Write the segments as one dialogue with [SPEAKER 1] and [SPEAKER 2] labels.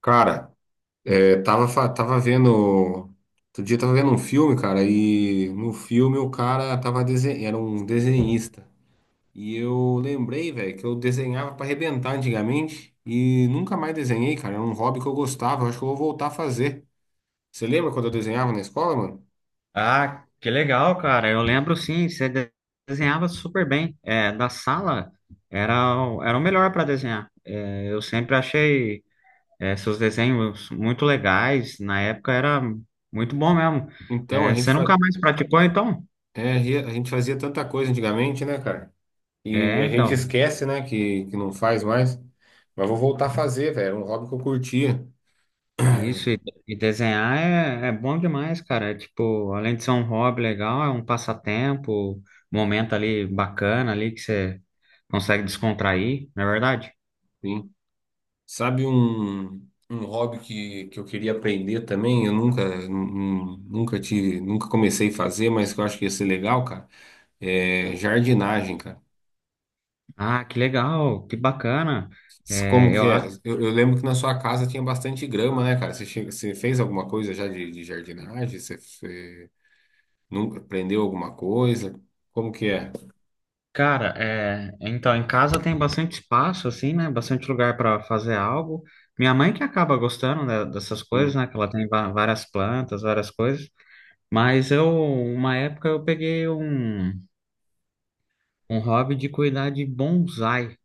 [SPEAKER 1] Cara, tava vendo. Outro dia tava vendo um filme, cara, e no filme o cara era um desenhista. E eu lembrei, velho, que eu desenhava pra arrebentar antigamente e nunca mais desenhei, cara. Era um hobby que eu gostava, eu acho que eu vou voltar a fazer. Você lembra quando eu desenhava na escola, mano?
[SPEAKER 2] Ah, que legal, cara. Eu lembro sim, desenhava super bem. Da sala era o melhor para desenhar. Eu sempre achei seus desenhos muito legais. Na época era muito bom mesmo.
[SPEAKER 1] Então, a
[SPEAKER 2] É, você
[SPEAKER 1] gente,
[SPEAKER 2] nunca
[SPEAKER 1] fa...
[SPEAKER 2] mais praticou, então?
[SPEAKER 1] é, a gente fazia tanta coisa antigamente, né, cara? E
[SPEAKER 2] É,
[SPEAKER 1] a gente
[SPEAKER 2] então.
[SPEAKER 1] esquece, né, que não faz mais. Mas vou voltar a fazer, velho. Era um hobby que eu curtia.
[SPEAKER 2] Isso, e desenhar é bom demais, cara. É, tipo, além de ser um hobby legal, é um passatempo, momento ali bacana ali que você consegue descontrair, não é verdade?
[SPEAKER 1] Sim. Sabe um hobby que eu queria aprender também? Eu nunca, nun- Nunca tive, nunca comecei a fazer, mas que eu acho que ia ser legal, cara. É jardinagem, cara.
[SPEAKER 2] Ah, que legal, que bacana.
[SPEAKER 1] Como que
[SPEAKER 2] Eu
[SPEAKER 1] é?
[SPEAKER 2] acho,
[SPEAKER 1] Eu lembro que na sua casa tinha bastante grama, né, cara? Você fez alguma coisa já de jardinagem? Você nunca aprendeu alguma coisa? Como que é?
[SPEAKER 2] cara, então em casa tem bastante espaço, assim, né? Bastante lugar para fazer algo. Minha mãe que acaba gostando né, dessas coisas,
[SPEAKER 1] Sim.
[SPEAKER 2] né? Que ela tem várias plantas, várias coisas. Mas eu, uma época, um hobby de cuidar de bonsai,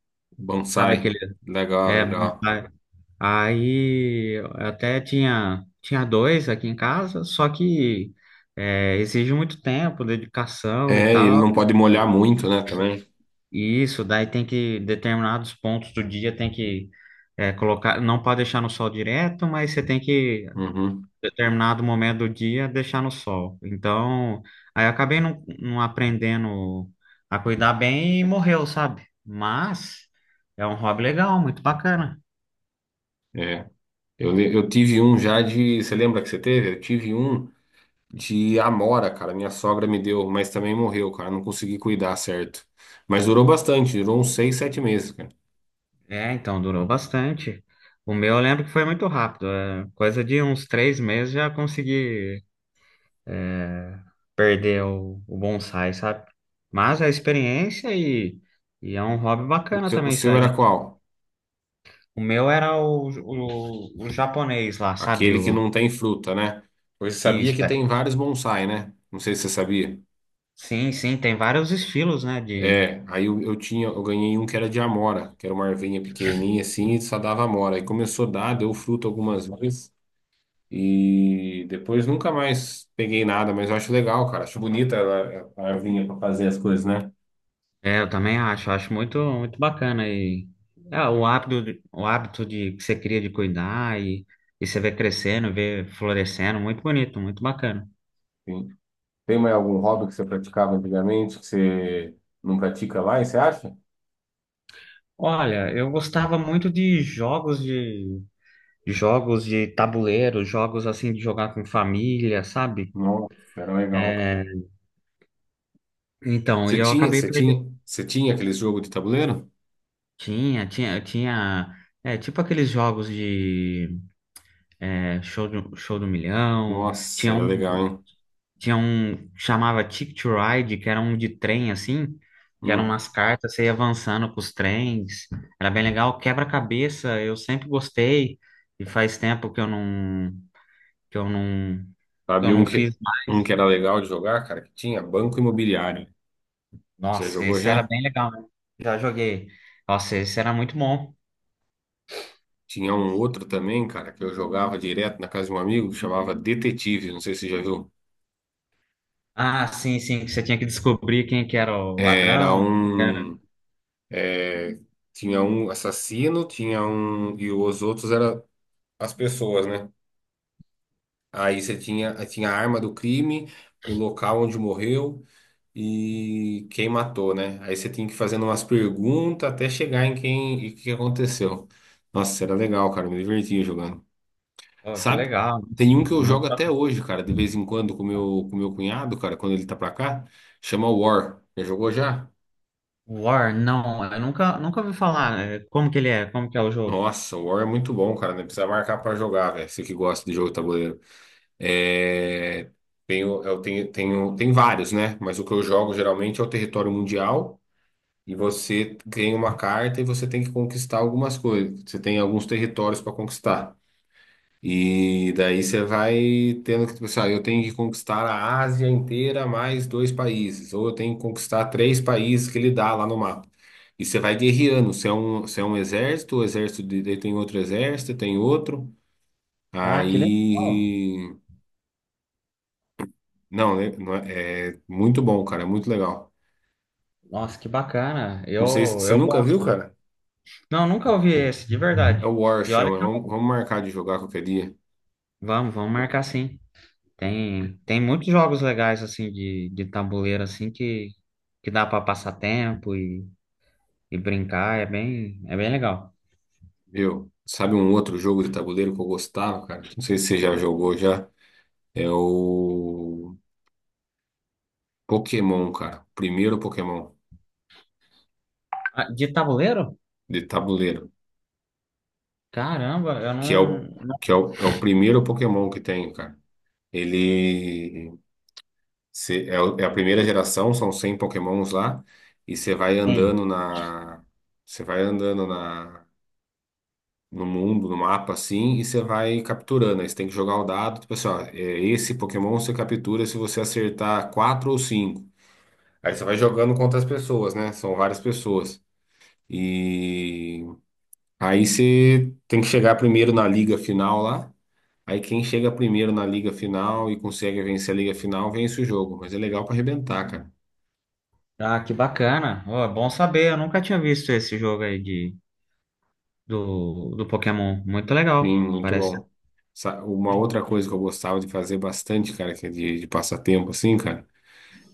[SPEAKER 2] sabe
[SPEAKER 1] Bonsai.
[SPEAKER 2] aquele?
[SPEAKER 1] Legal,
[SPEAKER 2] É,
[SPEAKER 1] legal.
[SPEAKER 2] bonsai. Aí eu até tinha, tinha dois aqui em casa, só que exige muito tempo, dedicação e
[SPEAKER 1] É, ele
[SPEAKER 2] tal.
[SPEAKER 1] não pode molhar muito, né, também.
[SPEAKER 2] E isso, determinados pontos do dia tem que colocar, não pode deixar no sol direto, mas você tem que,
[SPEAKER 1] Uhum.
[SPEAKER 2] determinado momento do dia, deixar no sol. Então, aí eu acabei não, não aprendendo a cuidar bem e morreu, sabe? Mas é um hobby legal, muito bacana.
[SPEAKER 1] É. Eu tive um já de. Você lembra que você teve? Eu tive um de amora, cara. Minha sogra me deu, mas também morreu, cara. Não consegui cuidar certo. Mas durou bastante, durou uns seis, sete meses, cara.
[SPEAKER 2] É, então durou bastante. O meu eu lembro que foi muito rápido, coisa de uns 3 meses já consegui perder o bonsai, sabe? Mas é experiência e é um hobby bacana
[SPEAKER 1] O
[SPEAKER 2] também,
[SPEAKER 1] seu era
[SPEAKER 2] sabe?
[SPEAKER 1] qual?
[SPEAKER 2] O meu era o japonês lá, sabe?
[SPEAKER 1] Aquele que
[SPEAKER 2] O,
[SPEAKER 1] não tem fruta, né? Você sabia
[SPEAKER 2] isso,
[SPEAKER 1] que
[SPEAKER 2] é.
[SPEAKER 1] tem vários bonsai, né? Não sei se você sabia.
[SPEAKER 2] Sim, sim, tem vários estilos, né? De,
[SPEAKER 1] Eu tinha, eu ganhei um que era de amora, que era uma ervinha pequenininha assim e só dava amora. Aí começou a dar, deu fruto algumas vezes. E depois nunca mais peguei nada, mas eu acho legal, cara. Acho bonita ela a arvinha para fazer as coisas, né?
[SPEAKER 2] é, eu também acho, muito bacana e o hábito de que você cria de cuidar e você vê crescendo, vê florescendo, muito bonito, muito bacana.
[SPEAKER 1] Sim. Tem mais algum hobby que você praticava antigamente que você não pratica mais, você acha?
[SPEAKER 2] Olha, eu gostava muito de jogos de jogos de tabuleiro, jogos assim de jogar com família, sabe?
[SPEAKER 1] Nossa, era legal, cara.
[SPEAKER 2] É, Então, e eu acabei perdendo.
[SPEAKER 1] Você tinha aqueles jogos de tabuleiro?
[SPEAKER 2] Tinha. É, tipo aqueles jogos de show do milhão.
[SPEAKER 1] Nossa, era legal, hein?
[SPEAKER 2] Tinha um chamava Ticket to Ride, que era um de trem, assim, que eram
[SPEAKER 1] Hum.
[SPEAKER 2] umas cartas, você ia avançando com os trens. Era bem legal. Quebra-cabeça, eu sempre gostei. E faz tempo que eu não, que
[SPEAKER 1] Sabe
[SPEAKER 2] eu
[SPEAKER 1] um
[SPEAKER 2] não
[SPEAKER 1] que,
[SPEAKER 2] fiz.
[SPEAKER 1] um que era legal de jogar, cara, que tinha Banco Imobiliário. Você
[SPEAKER 2] Nossa,
[SPEAKER 1] jogou
[SPEAKER 2] esse era
[SPEAKER 1] já?
[SPEAKER 2] bem legal, né? Já joguei. Nossa, esse era muito bom.
[SPEAKER 1] Tinha um outro também, cara, que eu jogava direto na casa de um amigo que chamava Detetive, não sei se você já viu.
[SPEAKER 2] Ah, sim, sim, que você tinha que descobrir quem que era o
[SPEAKER 1] É, era
[SPEAKER 2] ladrão,
[SPEAKER 1] um. é, Tinha um assassino, tinha um. E os outros eram as pessoas, né? Aí tinha a arma do crime, o local onde morreu e quem matou, né? Aí você tinha que ir fazendo umas perguntas até chegar em quem e o que aconteceu. Nossa, era legal, cara. Me divertia jogando.
[SPEAKER 2] Oh, que
[SPEAKER 1] Sabe?
[SPEAKER 2] legal.
[SPEAKER 1] Tem um que
[SPEAKER 2] É
[SPEAKER 1] eu
[SPEAKER 2] muito
[SPEAKER 1] jogo até
[SPEAKER 2] bacana.
[SPEAKER 1] hoje, cara, de vez em quando com meu cunhado, cara, quando ele tá pra cá, chama War. Já jogou já?
[SPEAKER 2] War, não, eu nunca, nunca ouvi falar, né? Como que ele é? Como que é o jogo?
[SPEAKER 1] Nossa, o War é muito bom, cara. Não precisa marcar pra jogar, velho. Você que gosta de jogo de tabuleiro. É... Tenho, eu tenho, tenho, Tem vários, né? Mas o que eu jogo geralmente é o território mundial. E você ganha uma carta e você tem que conquistar algumas coisas. Você tem alguns territórios para conquistar. E daí você vai tendo que pensar, eu tenho que conquistar a Ásia inteira mais dois países, ou eu tenho que conquistar três países que ele dá lá no mapa. E você vai guerreando, você é um exército, daí tem outro exército, tem outro.
[SPEAKER 2] Ah, que legal.
[SPEAKER 1] Aí. Não, né, não é, é muito bom, cara, é muito legal.
[SPEAKER 2] Nossa, que bacana.
[SPEAKER 1] Não sei se você
[SPEAKER 2] Eu
[SPEAKER 1] nunca viu,
[SPEAKER 2] gosto.
[SPEAKER 1] cara?
[SPEAKER 2] Não, nunca ouvi esse, de
[SPEAKER 1] É
[SPEAKER 2] verdade.
[SPEAKER 1] o War,
[SPEAKER 2] E olha que...
[SPEAKER 1] chama. Vamos marcar de jogar qualquer dia,
[SPEAKER 2] Vamos marcar sim. Tem muitos jogos legais, assim, de tabuleiro, assim, que dá para passar tempo e brincar, é bem legal.
[SPEAKER 1] viu? Sabe um outro jogo de tabuleiro que eu gostava, cara? Não sei se você já jogou já. É o. Pokémon, cara. Primeiro Pokémon
[SPEAKER 2] Ah, de tabuleiro?
[SPEAKER 1] de tabuleiro,
[SPEAKER 2] Caramba, eu
[SPEAKER 1] que é
[SPEAKER 2] não,
[SPEAKER 1] o
[SPEAKER 2] não
[SPEAKER 1] que é é o primeiro Pokémon que tem, cara. Ele cê- é, o- É a primeira geração, são 100 Pokémons lá, e você vai
[SPEAKER 2] tenho.
[SPEAKER 1] andando na você vai andando na no mundo, no mapa assim, e você vai capturando. Aí você tem que jogar o dado, tipo assim, ó, é, esse Pokémon você captura se você acertar quatro ou cinco. Aí você vai jogando contra as pessoas, né? São várias pessoas. E aí você tem que chegar primeiro na liga final lá. Aí quem chega primeiro na liga final e consegue vencer a liga final, vence o jogo. Mas é legal para arrebentar, cara.
[SPEAKER 2] Ah, que bacana. Ó, é bom saber, eu nunca tinha visto esse jogo aí do Pokémon. Muito
[SPEAKER 1] Sim,
[SPEAKER 2] legal,
[SPEAKER 1] muito
[SPEAKER 2] parece.
[SPEAKER 1] bom. Uma outra coisa que eu gostava de fazer bastante, cara, que é de passatempo, assim, cara,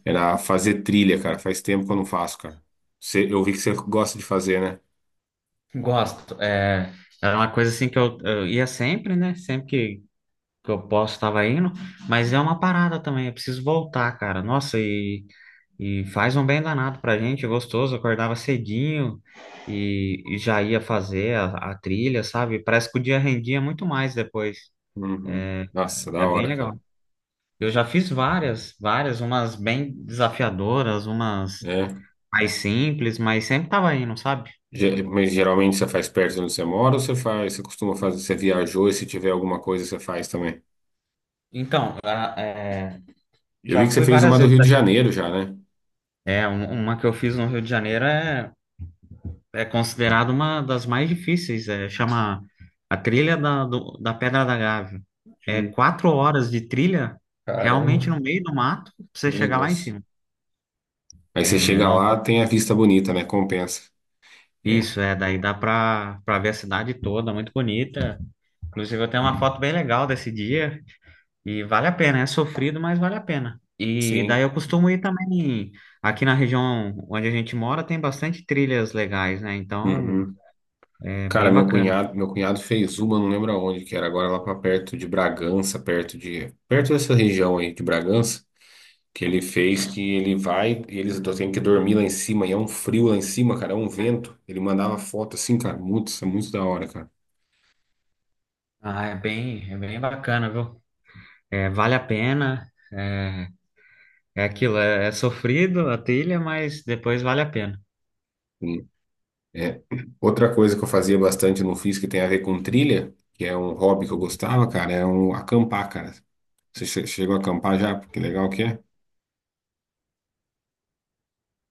[SPEAKER 1] era fazer trilha, cara. Faz tempo que eu não faço, cara. Eu vi que você gosta de fazer, né?
[SPEAKER 2] Gosto. É, era uma coisa assim eu ia sempre, né? Sempre que eu posso, estava indo. Mas é uma parada também, eu preciso voltar, cara. Nossa, e E faz um bem danado pra gente, gostoso. Acordava cedinho e já ia fazer a trilha, sabe? Parece que o dia rendia muito mais depois.
[SPEAKER 1] Uhum. Nossa, da
[SPEAKER 2] É bem
[SPEAKER 1] hora, cara.
[SPEAKER 2] legal. Eu já fiz várias, umas bem desafiadoras, umas
[SPEAKER 1] É.
[SPEAKER 2] mais simples, mas sempre tava indo, sabe?
[SPEAKER 1] Mas geralmente você faz perto de onde você mora ou você faz, você costuma fazer, você viajou e se tiver alguma coisa você faz também?
[SPEAKER 2] Então,
[SPEAKER 1] Eu
[SPEAKER 2] já
[SPEAKER 1] vi que você
[SPEAKER 2] fui
[SPEAKER 1] fez uma
[SPEAKER 2] várias
[SPEAKER 1] do
[SPEAKER 2] vezes.
[SPEAKER 1] Rio de Janeiro já, né?
[SPEAKER 2] É, uma que eu fiz no Rio de Janeiro é considerado uma das mais difíceis. É, chama a trilha da Pedra da Gávea. É
[SPEAKER 1] Hum.
[SPEAKER 2] 4 horas de trilha, realmente
[SPEAKER 1] Caramba,
[SPEAKER 2] no meio do mato, pra você
[SPEAKER 1] meu
[SPEAKER 2] chegar lá em
[SPEAKER 1] Deus.
[SPEAKER 2] cima.
[SPEAKER 1] Aí
[SPEAKER 2] É
[SPEAKER 1] você chega
[SPEAKER 2] um-
[SPEAKER 1] lá, tem a vista bonita, né? Compensa. É.
[SPEAKER 2] Isso, é, daí dá pra, pra ver a cidade toda, muito bonita. Inclusive, eu tenho uma foto bem legal desse dia e vale a pena, é sofrido, mas vale a pena. E daí
[SPEAKER 1] Sim.
[SPEAKER 2] eu costumo ir também, aqui na região onde a gente mora, tem bastante trilhas legais, né? Então,
[SPEAKER 1] Uhum.
[SPEAKER 2] é
[SPEAKER 1] Cara,
[SPEAKER 2] bem bacana.
[SPEAKER 1] meu cunhado fez uma, não lembro aonde que era, agora lá pra perto de Bragança, perto dessa região aí de Bragança, que ele fez que ele vai, e têm que dormir lá em cima, e é um frio lá em cima, cara, é um vento. Ele mandava foto assim, cara, muito, isso é muito da hora, cara.
[SPEAKER 2] Ah, é bem bacana, viu? É, vale a pena. É, é aquilo, é sofrido a trilha, mas depois vale a pena.
[SPEAKER 1] É. Outra coisa que eu fazia bastante no FIS que tem a ver com trilha, que é um hobby que eu gostava, cara, é um acampar, cara. Chegou a acampar já? Que legal que é.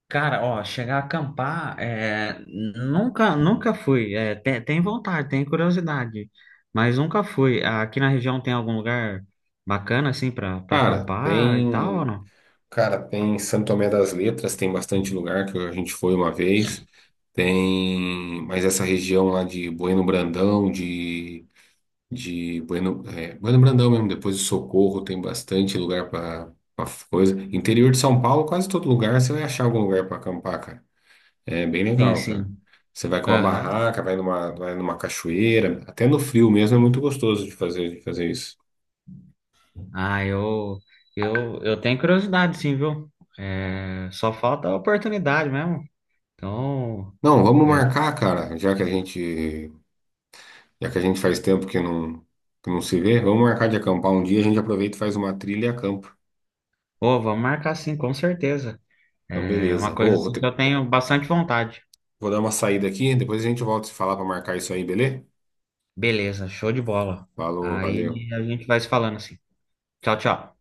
[SPEAKER 2] Cara, ó, chegar a acampar, é, nunca fui. É, tem vontade, tem curiosidade, mas nunca fui. Aqui na região tem algum lugar bacana assim para para
[SPEAKER 1] Cara,
[SPEAKER 2] acampar e tal, ou
[SPEAKER 1] tem,
[SPEAKER 2] não?
[SPEAKER 1] Cara, tem Santo Tomé das Letras, tem bastante lugar que a gente foi uma vez. Tem, mas essa região lá de Bueno Brandão, de Bueno Brandão mesmo, depois de Socorro, tem bastante lugar para coisa. Interior de São Paulo, quase todo lugar você vai achar algum lugar para acampar, cara. É bem
[SPEAKER 2] Sim,
[SPEAKER 1] legal, cara.
[SPEAKER 2] sim.
[SPEAKER 1] Você vai com uma
[SPEAKER 2] Aham.
[SPEAKER 1] barraca, vai numa cachoeira, até no frio mesmo é muito gostoso de fazer, isso.
[SPEAKER 2] Ah, eu, eu tenho curiosidade, sim, viu? É, só falta a oportunidade mesmo. Então,
[SPEAKER 1] Não, vamos
[SPEAKER 2] é,
[SPEAKER 1] marcar, cara, já que a gente faz tempo que não se vê, vamos marcar de acampar um dia, a gente aproveita e faz uma trilha e acampa.
[SPEAKER 2] ô, vamos marcar sim, com certeza.
[SPEAKER 1] Então,
[SPEAKER 2] É
[SPEAKER 1] beleza.
[SPEAKER 2] uma coisa assim que eu tenho bastante vontade.
[SPEAKER 1] Vou dar uma saída aqui, depois a gente volta a se falar para marcar isso aí, beleza?
[SPEAKER 2] Beleza, show de bola.
[SPEAKER 1] Falou, valeu.
[SPEAKER 2] Aí a gente vai se falando assim. Tchau, tchau.